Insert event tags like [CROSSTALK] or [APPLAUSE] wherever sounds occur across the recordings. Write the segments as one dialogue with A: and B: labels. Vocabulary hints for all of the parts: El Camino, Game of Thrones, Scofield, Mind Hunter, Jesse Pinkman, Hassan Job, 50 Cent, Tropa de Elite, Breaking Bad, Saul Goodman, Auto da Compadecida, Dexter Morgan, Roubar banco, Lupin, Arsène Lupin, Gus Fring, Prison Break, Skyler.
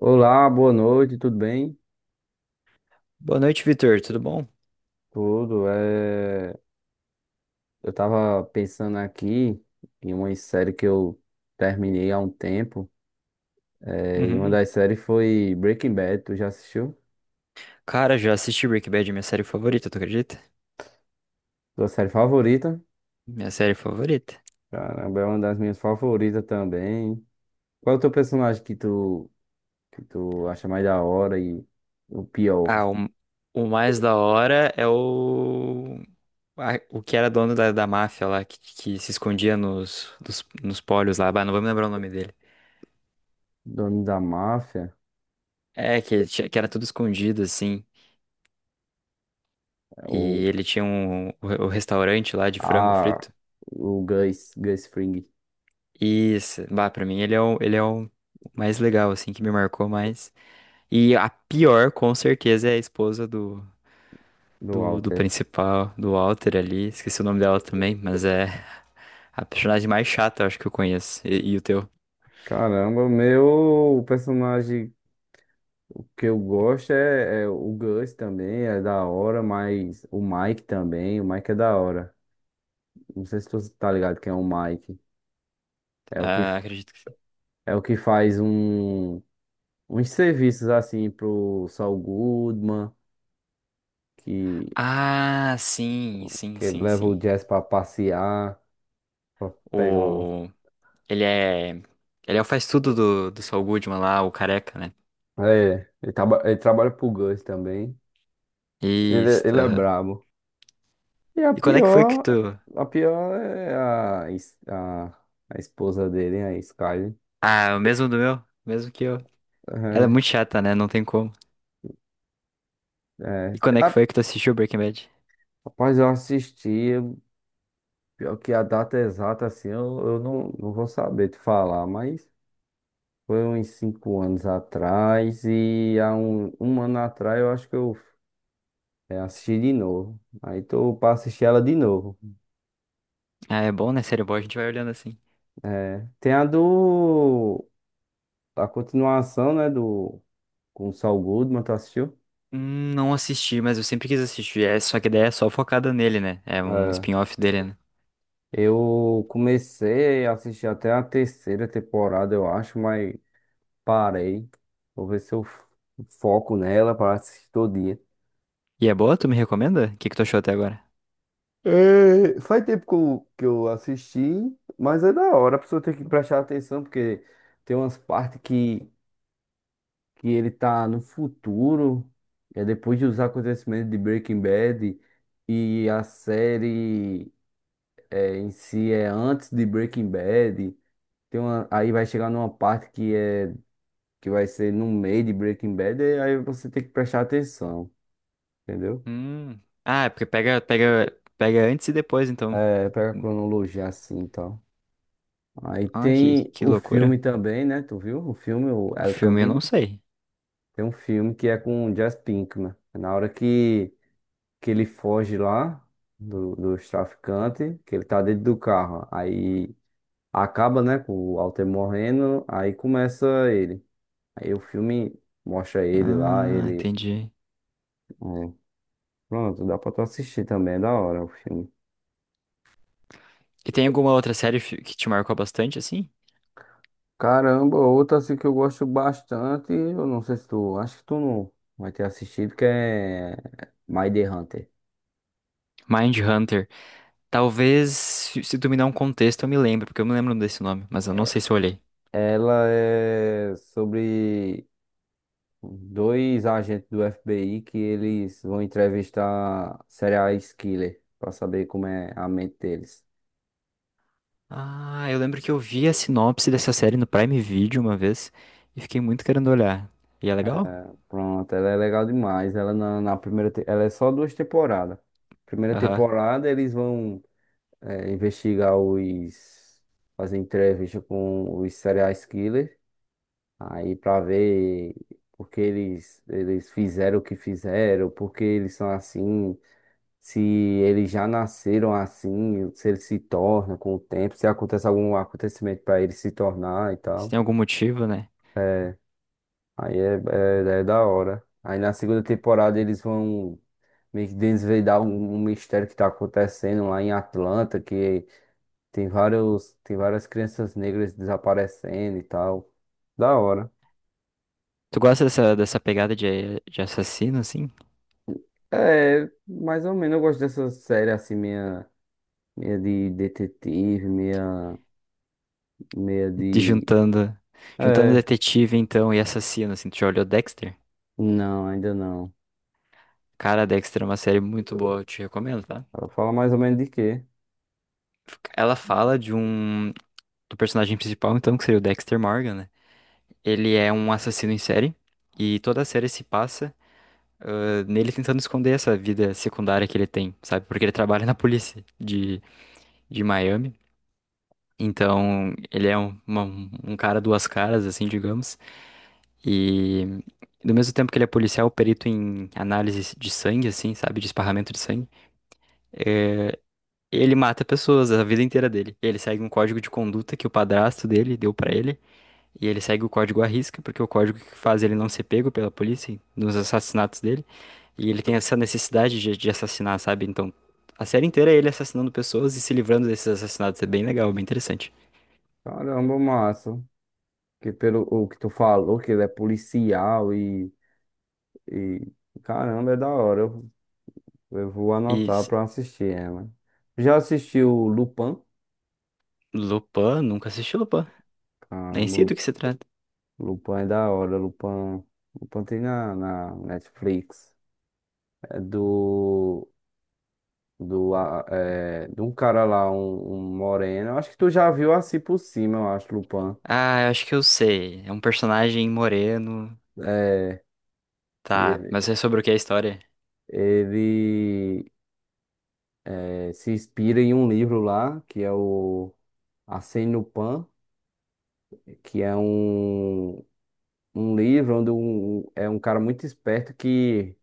A: Olá, boa noite, tudo bem?
B: Boa noite, Vitor. Tudo bom?
A: Tudo. Eu tava pensando aqui em uma série que eu terminei há um tempo. E uma
B: Uhum.
A: das séries foi Breaking Bad. Tu já assistiu?
B: Cara, já assisti Breaking Bad, minha série favorita, tu acredita?
A: Tua série favorita?
B: Minha série favorita.
A: Caramba, é uma das minhas favoritas também. Qual é o teu personagem que tu acha mais da hora e o pior?
B: Ah, o, o mais da hora é o que era dono da máfia lá, que se escondia nos pólios lá. Bah, não vou me lembrar o nome dele.
A: Dono da máfia?
B: É, ele que era tudo escondido, assim. E
A: Ou
B: ele tinha o restaurante lá de frango
A: a
B: frito.
A: o Gus, Gus Fring
B: Isso, bah, pra mim ele é o mais legal, assim, que me marcou mais. E a pior, com certeza, é a esposa do.
A: do
B: Do
A: Walter?
B: principal, do Walter ali. Esqueci o nome dela também, mas é a personagem mais chata, eu acho que eu conheço. E o teu?
A: Caramba, o meu personagem. Que eu gosto é o Gus também, é da hora, mas o Mike também, o Mike é da hora. Não sei se tu tá ligado quem é o Mike. É o que,
B: Ah, acredito que.
A: é o que faz um, uns serviços assim pro Saul Goodman, que,
B: Ah, sim, sim,
A: que ele
B: sim,
A: leva o
B: sim.
A: Jazz pra passear, pra pegar uma...
B: O. Ele é. Ele é o faz tudo do Saul Goodman lá, o careca, né?
A: É, ele, ele trabalha pro Gus também.
B: Isso,
A: Ele é
B: aham.
A: brabo. E
B: E quando é que foi que tu.
A: a pior é a esposa dele, a Skyler.
B: Ah, o mesmo do meu? O mesmo que eu. Ela é
A: É.
B: muito chata, né? Não tem como.
A: É,
B: E quando é que
A: a-
B: foi que tu assistiu Breaking Bad?
A: rapaz, pior que a data exata, eu não vou saber te falar, mas foi uns 5 anos atrás e há 1 ano atrás eu acho que eu assisti de novo. Aí tô pra assistir ela de novo,
B: Ah, é bom, né? Série boa, a gente vai olhando assim.
A: né? Tem a do... a continuação, né, do... com o Saul Goodman, tu assistiu?
B: Não assisti, mas eu sempre quis assistir. É, só que daí é só focada nele, né? É um
A: É,
B: spin-off dele, né?
A: eu comecei a assistir até a terceira temporada, eu acho, mas parei. Vou ver se eu f- foco nela para assistir todo dia.
B: E é boa? Tu me recomenda? O que que tu achou até agora?
A: Faz tempo que eu assisti, mas é da hora. A pessoa tem que prestar atenção, porque tem umas partes que ele tá no futuro, é depois de os acontecimentos de Breaking Bad, e a série em si é antes de Breaking Bad. Tem uma, aí vai chegar numa parte que vai ser no meio de Breaking Bad, e aí você tem que prestar atenção, entendeu?
B: Hum. Ah, é porque pega antes e depois, então.
A: É, pega a
B: Hum.
A: cronologia assim, então. Aí
B: Ah,
A: tem
B: que
A: o filme
B: loucura.
A: também, né? Tu viu? O filme, o
B: O
A: El
B: filme eu
A: Camino.
B: não sei.
A: Tem um filme que é com o Jesse Pinkman. É na hora que ele foge lá dos traficantes, que ele tá dentro do carro. Aí acaba, né, com o Walter morrendo, aí começa ele. Aí o filme mostra ele lá,
B: Ah,
A: ele...
B: entendi.
A: é, pronto, dá pra tu assistir também, é da hora o filme.
B: E tem alguma outra série que te marcou bastante, assim?
A: Caramba, outra assim que eu gosto bastante, eu não sei se tu, acho que tu não vai ter assistido, que é Mind Hunter.
B: Mind Hunter. Talvez, se tu me dar um contexto, eu me lembro, porque eu me lembro desse nome, mas eu não
A: É,
B: sei se eu olhei.
A: ela é sobre dois agentes do FBI que eles vão entrevistar serial killer pra saber como é a mente deles.
B: Ah, eu lembro que eu vi a sinopse dessa série no Prime Video uma vez e fiquei muito querendo olhar. E é legal?
A: Pronto, ela é legal demais. Na primeira, ela é só duas temporadas. Primeira
B: Aham.
A: temporada eles vão investigar os fazer entrevista com os serial killers. Aí pra ver porque eles fizeram o que fizeram, porque eles são assim, se eles já nasceram assim, se eles se tornam com o tempo, se acontece algum acontecimento pra eles se tornar e
B: Se
A: tal.
B: tem algum motivo, né?
A: Aí é da hora. Aí na segunda temporada eles vão meio que desvendar um mistério que tá acontecendo lá em Atlanta, que tem vários, tem várias crianças negras desaparecendo e tal. Da hora.
B: Tu gosta dessa, dessa pegada de assassino, assim?
A: É, mais ou menos eu gosto dessa série assim, meia de detetive, meia
B: De
A: de.
B: juntando, juntando
A: É,
B: detetive, então, e assassino, assim. Tu já olhou Dexter?
A: não, ainda não.
B: Cara, Dexter é uma série muito boa, eu te recomendo, tá?
A: Ela fala mais ou menos de quê?
B: Ela fala de um... do personagem principal, então, que seria o Dexter Morgan, né? Ele é um assassino em série e toda a série se passa ah, nele tentando esconder essa vida secundária que ele tem, sabe? Porque ele trabalha na polícia de Miami. Então, ele é uma- um cara duas caras, assim, digamos. E do mesmo tempo que ele é policial, perito em análise de sangue, assim, sabe? De esparramento de sangue. É, ele mata pessoas a vida inteira dele. Ele segue um código de conduta que o padrasto dele deu pra ele. E ele segue o código à risca, porque é o código que faz ele não ser pego pela polícia nos assassinatos dele. E ele tem essa necessidade de assassinar, sabe? Então, a série inteira é ele assassinando pessoas e se livrando desses assassinatos. É bem legal, bem interessante.
A: Caramba, massa. Que pelo o que tu falou, que ele é policial e caramba, é da hora. Eu vou
B: E
A: anotar
B: s-
A: pra assistir ela. Já assistiu Lupin?
B: Lupin, nunca assisti Lupin. Nem sei
A: Caramba,
B: do que se trata.
A: Lupin é da hora. Lupin, Lupin tem na Netflix. É do de um cara lá, um moreno. Eu acho que tu já viu assim por cima, eu acho, Lupin.
B: Ah, eu acho que eu sei. É um personagem moreno.
A: É, que
B: Tá,
A: ele,
B: mas é sobre o que é a história?
A: ele se inspira em um livro lá, que é o Arsène Lupin, que é um livro onde um cara muito esperto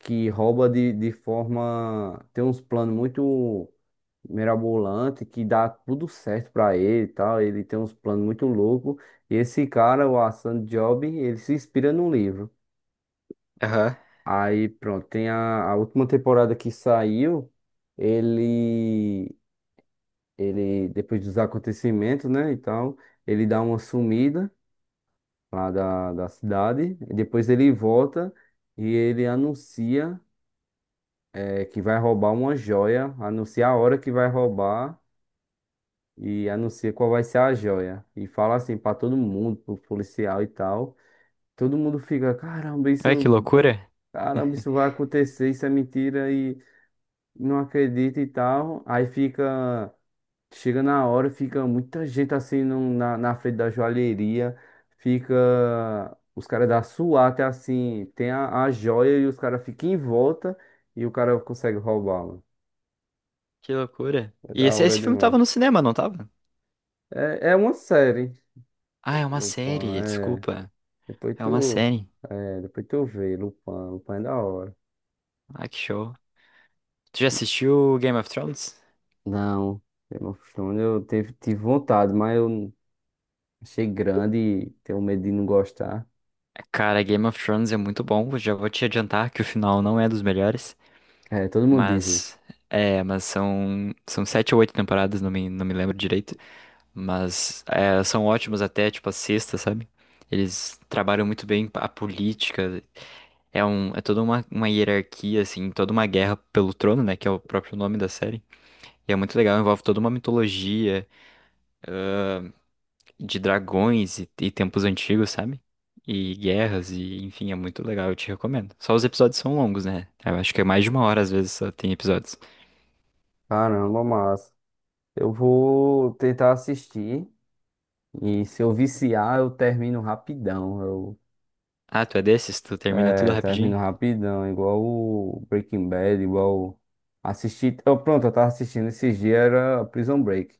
A: que rouba de forma. Tem uns planos muito mirabolante que dá tudo certo pra ele e tal. Ele tem uns planos muito loucos. E esse cara, o Hassan Job, ele se inspira no livro.
B: Aham.
A: Aí pronto, tem a última temporada que saiu. Ele, ele depois dos acontecimentos, né, e tal, ele dá uma sumida lá da cidade. E depois ele volta e ele anuncia. É que vai roubar uma joia, anuncia a hora que vai roubar e anuncia qual vai ser a joia. E fala assim pra todo mundo, pro policial e tal. Todo mundo fica,
B: Ué, que loucura.
A: caramba,
B: [LAUGHS]
A: isso vai acontecer, isso é mentira e não acredita e tal. Aí fica, chega na hora, fica muita gente assim na na frente da joalheria, fica os caras da SWAT assim, tem a joia e os caras ficam em volta e o cara consegue roubá-la.
B: Que loucura.
A: É da hora
B: Esse filme
A: demais.
B: tava no cinema, não tava?
A: É uma série,
B: Ah, é uma
A: Lupin,
B: série,
A: é.
B: desculpa.
A: Depois
B: É uma
A: tu,
B: série.
A: depois tu vê, Lupin, Lupin é da hora.
B: Ah, que show. Tu já assistiu Game of Thrones?
A: Não, Game of Thrones tive vontade, mas achei grande e tenho medo de não gostar.
B: Cara, Game of Thrones é muito bom. Eu já vou te adiantar que o final não é dos melhores,
A: É, todo mundo diz isso.
B: mas é, mas são sete ou oito temporadas, não me lembro direito, mas é, são ótimos até tipo a sexta, sabe? Eles trabalham muito bem a política. É toda uma hierarquia assim, toda uma guerra pelo trono, né, que é o próprio nome da série. E é muito legal, envolve toda uma mitologia de dragões e tempos antigos, sabe? E guerras, e enfim, é muito legal, eu te recomendo. Só os episódios são longos, né? Eu acho que é mais de uma hora, às vezes, só tem episódios.
A: Caramba, massa. Eu vou tentar assistir e se eu viciar, eu termino rapidão.
B: Ah, tu é desses? Tu termina tudo
A: Termino
B: rapidinho?
A: rapidão, igual o Breaking Bad, igual o- assisti, eu, pronto, eu tava assistindo esses dias, era Prison Break.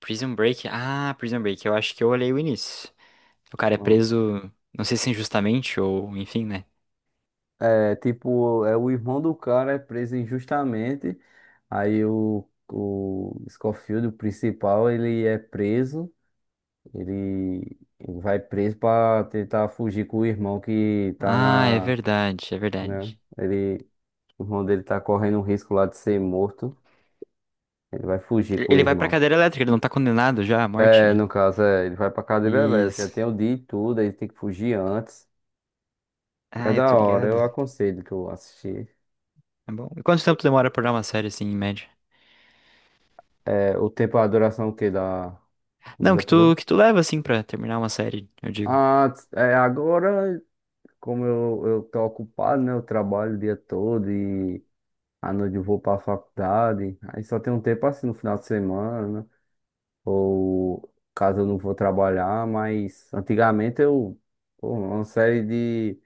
B: Prison Break? Ah, Prison Break, eu acho que eu olhei o início. O cara é preso, não sei se injustamente ou enfim, né?
A: É tipo, é o irmão do cara é preso injustamente. Aí o Scofield, o principal, ele é preso. Ele vai preso pra tentar fugir com o irmão que tá
B: Ah, é
A: na,
B: verdade, é
A: né?
B: verdade.
A: Ele, o irmão dele tá correndo um risco lá de ser morto. Ele vai fugir com o
B: Ele vai pra
A: irmão.
B: cadeira elétrica, ele não tá condenado já à
A: É,
B: morte?
A: no caso, é, ele vai pra cadeira elétrica.
B: Isso.
A: Tem o dia e tudo, aí tem que fugir antes. É
B: Ah, eu
A: da
B: tô
A: hora, eu
B: ligado.
A: aconselho tu assistir.
B: É bom. E quanto tempo demora pra dar uma série assim, em média?
A: É, o tempo, a duração dos
B: Não,
A: episódios?
B: que tu leva, assim, pra terminar uma série, eu digo.
A: Agora, como eu tô ocupado, né? Eu trabalho o dia todo e à noite eu vou pra faculdade. Aí só tem um tempo assim no final de semana, ou caso eu não vou trabalhar, mas antigamente, pô, uma série de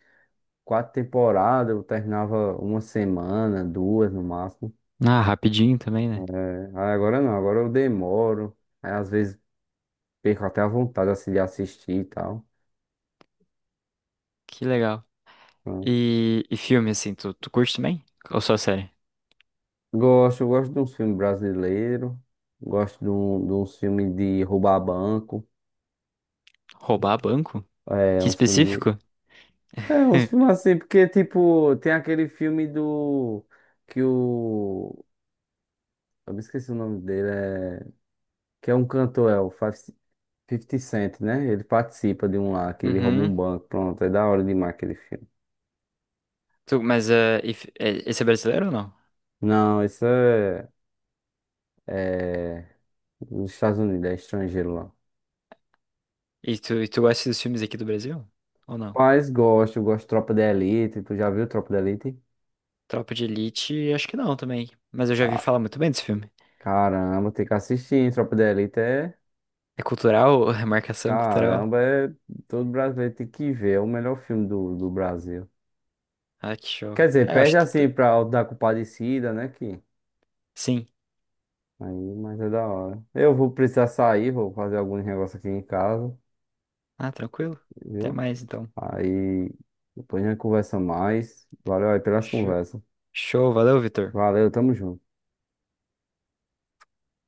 A: 4 temporadas, eu terminava uma semana, duas no máximo.
B: Ah, rapidinho também, né?
A: É, aí agora não, agora eu demoro. Aí às vezes perco até a vontade assim de assistir e tal.
B: Que legal.
A: Né.
B: E filme, assim, tu curte também? Ou só série?
A: Gosto, gosto de um filme brasileiro, gosto de um filme de roubar banco,
B: Roubar banco?
A: é
B: Que
A: um filme de.
B: específico?
A: É, uns filmes
B: [LAUGHS]
A: assim, porque tipo, tem aquele filme do. Que o. Eu me esqueci o nome dele, é. Que é um cantor, é o 50 Cent, né? Ele participa de um lá, que ele rouba um
B: Uhum.
A: banco, pronto, é da hora demais aquele filme.
B: Tu, mas esse é brasileiro ou não?
A: Não, isso é. É. Nos Estados Unidos, é estrangeiro lá.
B: E tu gosta dos filmes aqui do Brasil? Ou não?
A: Mas gosto, gosto de Tropa de Elite, tu já viu Tropa de Elite?
B: Tropa de Elite, acho que não também. Mas eu já vi falar muito bem desse filme.
A: Caramba, tem que assistir, hein? Tropa de Elite é.
B: É cultural? [LAUGHS] É marcação cultural?
A: Caramba, é... todo brasileiro tem que ver. É o melhor filme do Brasil.
B: Ah, que show.
A: Quer dizer,
B: Ah, eu
A: perde
B: acho que... tu-
A: assim
B: tu-
A: pra Auto da Compadecida, né? Que...
B: Sim.
A: Aí, mas é da hora. Eu vou precisar sair, vou fazer alguns negócios aqui em casa,
B: Ah, tranquilo. Até
A: viu?
B: mais, então.
A: Aí depois a gente conversa mais. Valeu aí pelas
B: Show,
A: conversas.
B: show, valeu, Vitor.
A: Valeu, tamo junto.